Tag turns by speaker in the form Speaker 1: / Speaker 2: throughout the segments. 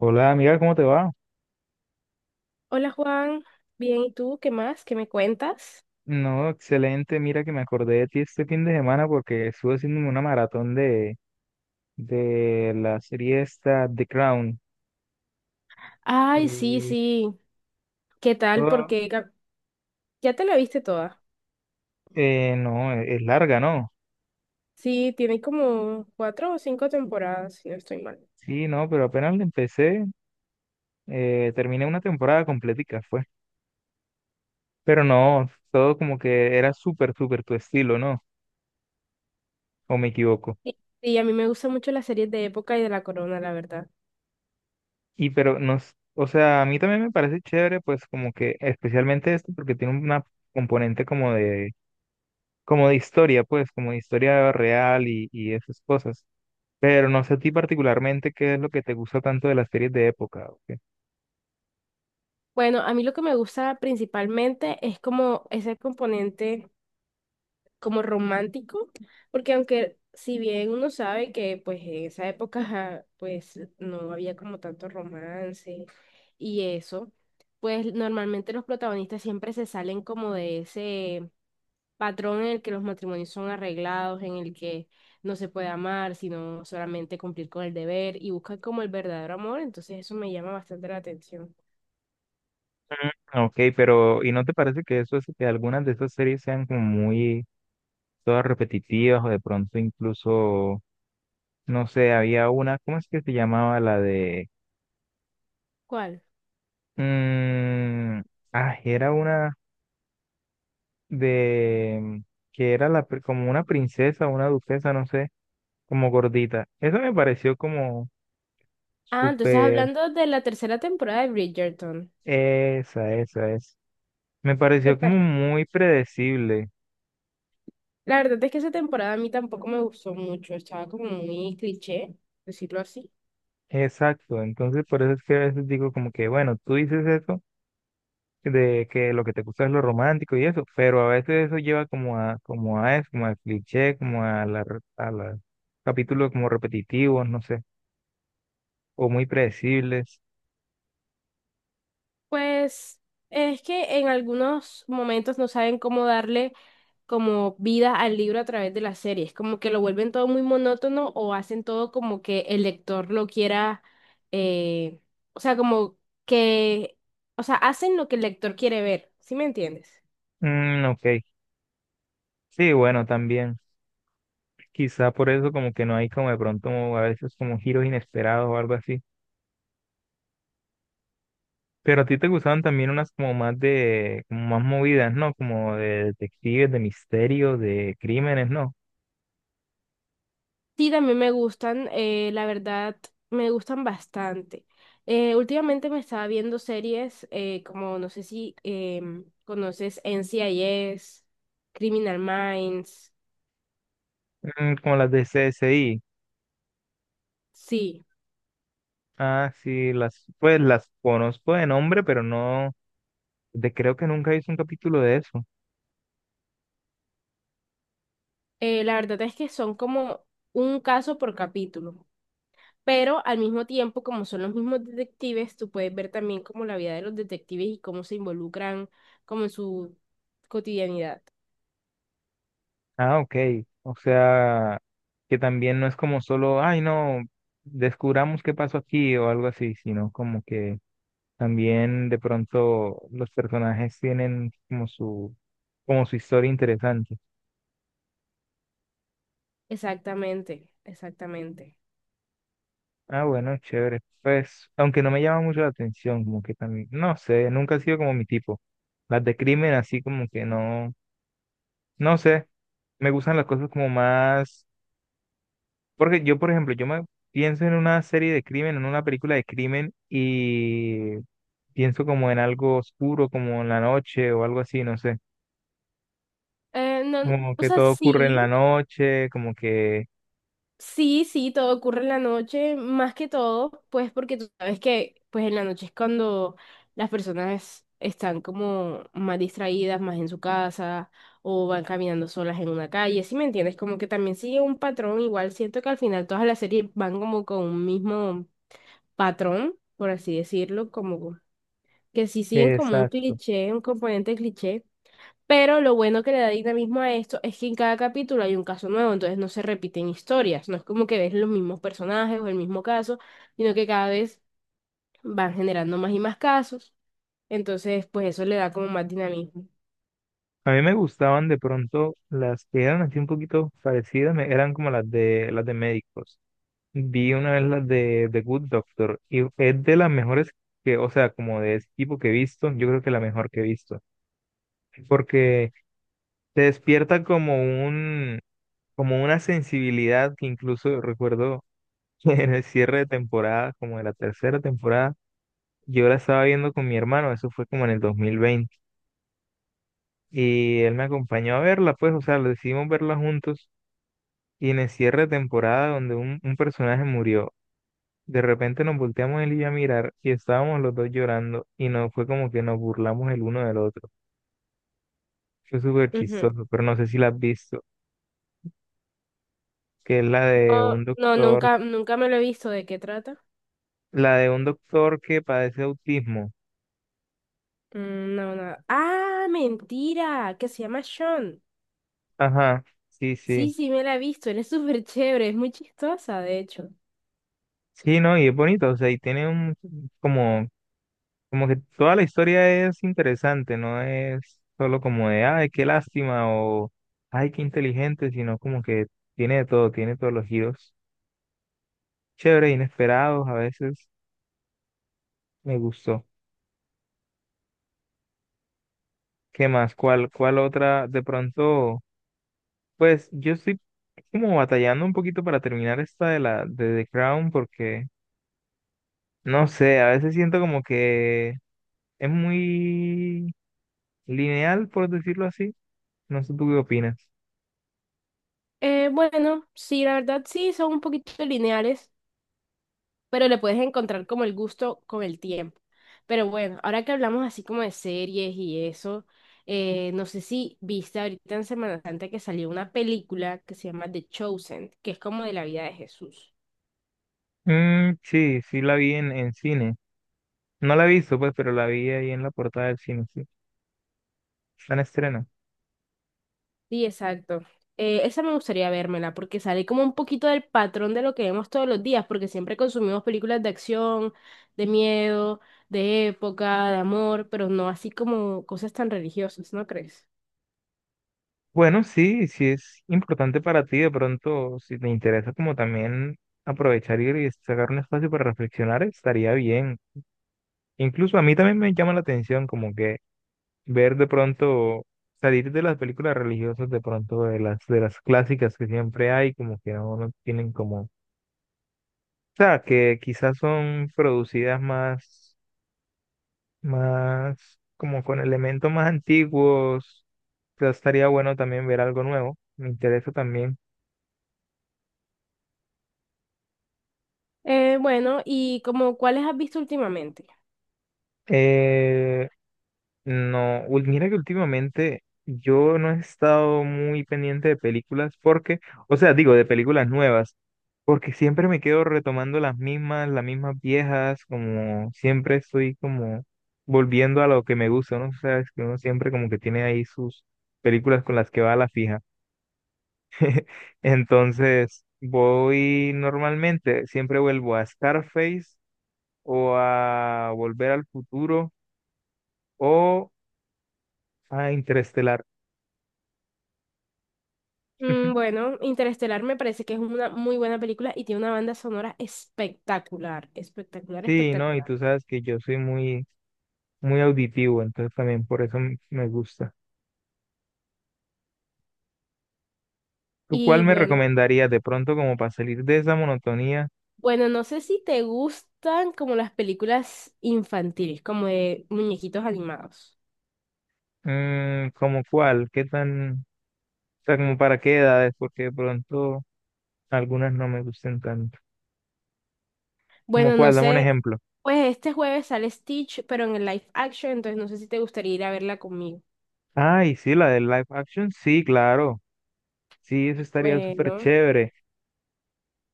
Speaker 1: Hola amiga, ¿cómo te va?
Speaker 2: Hola Juan, bien, ¿y tú qué más? ¿Qué me cuentas?
Speaker 1: No, excelente. Mira que me acordé de ti este fin de semana porque estuve haciéndome una maratón de la serie esta The Crown.
Speaker 2: Ay, sí,
Speaker 1: Y
Speaker 2: sí, ¿qué tal?
Speaker 1: todo,
Speaker 2: Porque ya te la viste toda.
Speaker 1: no, es larga, ¿no?
Speaker 2: Sí, tiene como cuatro o cinco temporadas, si no estoy mal.
Speaker 1: Sí, no, pero apenas la empecé, terminé una temporada completica, fue. Pero no, todo como que era súper, súper tu estilo, ¿no? ¿O me equivoco?
Speaker 2: Sí, sí, a mí me gustan mucho las series de época y de La Corona, la verdad.
Speaker 1: Y pero nos, o sea, a mí también me parece chévere, pues como que especialmente esto porque tiene una componente como de historia, pues, como de historia real y esas cosas. Pero no sé a ti particularmente qué es lo que te gusta tanto de las series de época. Ok.
Speaker 2: Bueno, a mí lo que me gusta principalmente es como ese componente. Como romántico, porque aunque si bien uno sabe que pues en esa época ajá, pues no había como tanto romance y eso, pues normalmente los protagonistas siempre se salen como de ese patrón en el que los matrimonios son arreglados, en el que no se puede amar, sino solamente cumplir con el deber y buscan como el verdadero amor, entonces eso me llama bastante la atención.
Speaker 1: Mm, ok, pero ¿y no te parece que eso es que algunas de esas series sean como muy todas repetitivas o de pronto incluso, no sé, había una, ¿cómo es que se llamaba la de,
Speaker 2: ¿Cuál?
Speaker 1: mm, ah, era una de, que era la, como una princesa, una duquesa, no sé, como gordita. Eso me pareció como
Speaker 2: Ah, tú estás
Speaker 1: súper.
Speaker 2: hablando de la tercera temporada de Bridgerton.
Speaker 1: Esa es. Me
Speaker 2: ¿Te
Speaker 1: pareció como
Speaker 2: parece?
Speaker 1: muy predecible.
Speaker 2: La verdad es que esa temporada a mí tampoco me gustó mucho, estaba como muy cliché, decirlo así.
Speaker 1: Exacto. Entonces, por eso es que a veces digo como que, bueno, tú dices eso de que lo que te gusta es lo romántico y eso, pero a veces eso lleva como a, como a eso, como a cliché, como a la, a la capítulos como repetitivos, no sé, o muy predecibles.
Speaker 2: Pues es que en algunos momentos no saben cómo darle como vida al libro a través de las series, como que lo vuelven todo muy monótono o hacen todo como que el lector lo quiera, eh, o sea, que, o sea, hacen lo que el lector quiere ver, ¿sí me entiendes?
Speaker 1: Mm, ok. Sí, bueno, también. Quizá por eso como que no hay como de pronto a veces como giros inesperados o algo así. Pero a ti te gustaban también unas como más de, como más movidas, ¿no? Como de detectives, de misterio, de crímenes, ¿no?
Speaker 2: Sí, también me gustan, la verdad, me gustan bastante. Últimamente me estaba viendo series como, no sé si conoces NCIS, Criminal Minds.
Speaker 1: Mm, como las de CSI.
Speaker 2: Sí,
Speaker 1: Ah, sí, las, pues las conozco de nombre, pero no, de creo que nunca hice un capítulo de eso.
Speaker 2: la verdad es que son como un caso por capítulo, pero al mismo tiempo, como son los mismos detectives, tú puedes ver también como la vida de los detectives y cómo se involucran como en su cotidianidad.
Speaker 1: Ah, ok. O sea, que también no es como solo, ay, no, descubramos qué pasó aquí o algo así, sino como que también de pronto los personajes tienen como su historia interesante.
Speaker 2: Exactamente, exactamente.
Speaker 1: Ah, bueno, chévere. Pues, aunque no me llama mucho la atención, como que también, no sé, nunca ha sido como mi tipo. Las de crimen, así como que no, no sé, me gustan las cosas como más, porque yo, por ejemplo, yo me pienso en una serie de crimen, en una película de crimen y pienso como en algo oscuro, como en la noche o algo así, no sé,
Speaker 2: No,
Speaker 1: como
Speaker 2: o
Speaker 1: que
Speaker 2: sea,
Speaker 1: todo ocurre
Speaker 2: sí.
Speaker 1: en la noche, como que,
Speaker 2: Sí, sí, todo ocurre en la noche, más que todo, pues porque tú sabes que pues en la noche es cuando las personas están como más distraídas, más en su casa o van caminando solas en una calle, ¿sí me entiendes? Como que también sigue un patrón, igual siento que al final todas las series van como con un mismo patrón, por así decirlo, como que sí siguen como un
Speaker 1: exacto.
Speaker 2: cliché, un componente cliché. Pero lo bueno que le da dinamismo a esto es que en cada capítulo hay un caso nuevo, entonces no se repiten historias, no es como que ves los mismos personajes o el mismo caso, sino que cada vez van generando más y más casos, entonces pues eso le da como más dinamismo.
Speaker 1: A mí me gustaban de pronto las que eran así un poquito parecidas, eran como las de médicos. Vi una vez las de The Good Doctor y es de las mejores que, o sea, como de ese tipo que he visto, yo creo que la mejor que he visto, porque te despierta como un como una sensibilidad que incluso recuerdo que en el cierre de temporada, como de la tercera temporada, yo la estaba viendo con mi hermano, eso fue como en el 2020 y él me acompañó a verla, pues, o sea, lo decidimos verla juntos. Y en el cierre de temporada donde un personaje murió, de repente nos volteamos él y yo a mirar y estábamos los dos llorando y no fue como que nos burlamos el uno del otro. Fue súper
Speaker 2: Ujú.
Speaker 1: chistoso, pero no sé si la has visto, que es la de
Speaker 2: No,
Speaker 1: un
Speaker 2: no,
Speaker 1: doctor,
Speaker 2: nunca, nunca me lo he visto, ¿de qué trata?
Speaker 1: la de un doctor que padece autismo.
Speaker 2: Mm, no, nada. Ah, mentira, que se llama Sean.
Speaker 1: Ajá, sí, sí.
Speaker 2: Sí, sí, me la he visto, él es súper chévere, es muy chistosa, de hecho.
Speaker 1: Sí, no, y es bonito, o sea, y tiene un, como. Como que toda la historia es interesante, no es solo como de, ay, qué lástima o ay, qué inteligente, sino como que tiene de todo, tiene todos los giros chéveres, inesperados, a veces me gustó. ¿Qué más? ¿Cuál, cuál otra? De pronto, pues yo estoy como batallando un poquito para terminar esta de la de The Crown porque, no sé, a veces siento como que es muy lineal, por decirlo así. No sé tú qué opinas.
Speaker 2: Bueno, sí, la verdad sí, son un poquito lineales. Pero le puedes encontrar como el gusto con el tiempo. Pero bueno, ahora que hablamos así como de series y eso, no sé si viste ahorita en Semana Santa que salió una película que se llama The Chosen, que es como de la vida de Jesús.
Speaker 1: Mm, sí, sí la vi en cine. No la he visto, pues, pero la vi ahí en la portada del cine, sí. Está en estreno.
Speaker 2: Sí, exacto. Esa me gustaría vérmela porque sale como un poquito del patrón de lo que vemos todos los días, porque siempre consumimos películas de acción, de miedo, de época, de amor, pero no así como cosas tan religiosas, ¿no crees?
Speaker 1: Bueno, sí, sí es importante para ti, de pronto, si te interesa como también aprovechar y sacar un espacio para reflexionar, estaría bien. Incluso a mí también me llama la atención como que ver de pronto, salir de las películas religiosas, de pronto de las clásicas que siempre hay, como que no, no tienen como, o sea, que quizás son producidas más como con elementos más antiguos, pero estaría bueno también ver algo nuevo, me interesa también.
Speaker 2: Bueno, ¿y como cuáles has visto últimamente?
Speaker 1: Eh, no, mira que últimamente yo no he estado muy pendiente de películas porque, o sea, digo, de películas nuevas, porque siempre me quedo retomando las mismas viejas, como siempre estoy como volviendo a lo que me gusta, ¿no? O sea, es que uno siempre como que tiene ahí sus películas con las que va a la fija. Entonces, voy normalmente, siempre vuelvo a Scarface o a Volver al Futuro o a Interestelar.
Speaker 2: Mm, bueno, Interestelar me parece que es una muy buena película y tiene una banda sonora espectacular, espectacular,
Speaker 1: Sí, ¿no? Y
Speaker 2: espectacular.
Speaker 1: tú sabes que yo soy muy, muy auditivo, entonces también por eso me gusta. ¿Tú cuál
Speaker 2: Y
Speaker 1: me
Speaker 2: bueno,
Speaker 1: recomendarías de pronto como para salir de esa monotonía?
Speaker 2: bueno, no sé si te gustan como las películas infantiles, como de muñequitos animados.
Speaker 1: Mm, ¿cómo cuál? ¿Qué tan, o sea, como para qué edades? Porque de pronto algunas no me gustan tanto. ¿Cómo
Speaker 2: Bueno, no
Speaker 1: cuál? Dame un
Speaker 2: sé,
Speaker 1: ejemplo.
Speaker 2: pues este jueves sale Stitch, pero en el live action, entonces no sé si te gustaría ir a verla conmigo.
Speaker 1: Ay, sí, la del live action, sí, claro. Sí, eso estaría súper
Speaker 2: Bueno,
Speaker 1: chévere,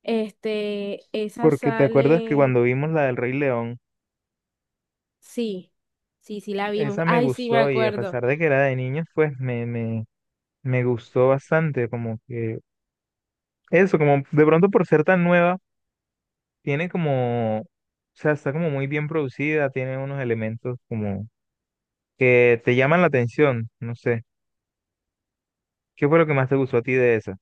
Speaker 2: este, esa
Speaker 1: porque te acuerdas que
Speaker 2: sale.
Speaker 1: cuando vimos la del Rey León,
Speaker 2: Sí, sí, sí la vimos.
Speaker 1: esa me
Speaker 2: Ay, sí, me
Speaker 1: gustó y a
Speaker 2: acuerdo.
Speaker 1: pesar de que era de niños, pues me gustó bastante, como que eso, como de pronto por ser tan nueva, tiene como, o sea, está como muy bien producida, tiene unos elementos como que te llaman la atención, no sé, ¿qué fue lo que más te gustó a ti de esa?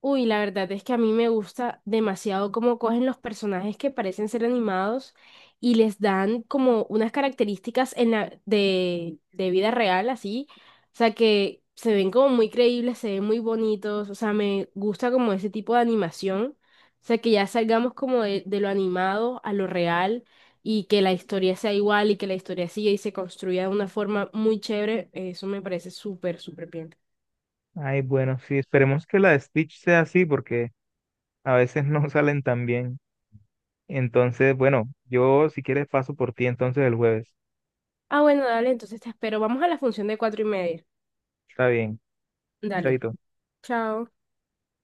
Speaker 2: Uy, la verdad es que a mí me gusta demasiado cómo cogen los personajes que parecen ser animados y les dan como unas características en la, de vida real, así. O sea, que se ven como muy creíbles, se ven muy bonitos. O sea, me gusta como ese tipo de animación. O sea, que ya salgamos como de lo animado a lo real y que la historia sea igual y que la historia siga y se construya de una forma muy chévere. Eso me parece súper, súper bien.
Speaker 1: Ay, bueno, sí, esperemos que la de Stitch sea así, porque a veces no salen tan bien. Entonces, bueno, yo si quieres paso por ti entonces el jueves.
Speaker 2: Ah, bueno, dale, entonces te espero. Vamos a la función de 4:30.
Speaker 1: Está bien,
Speaker 2: Dale,
Speaker 1: chaito.
Speaker 2: chao.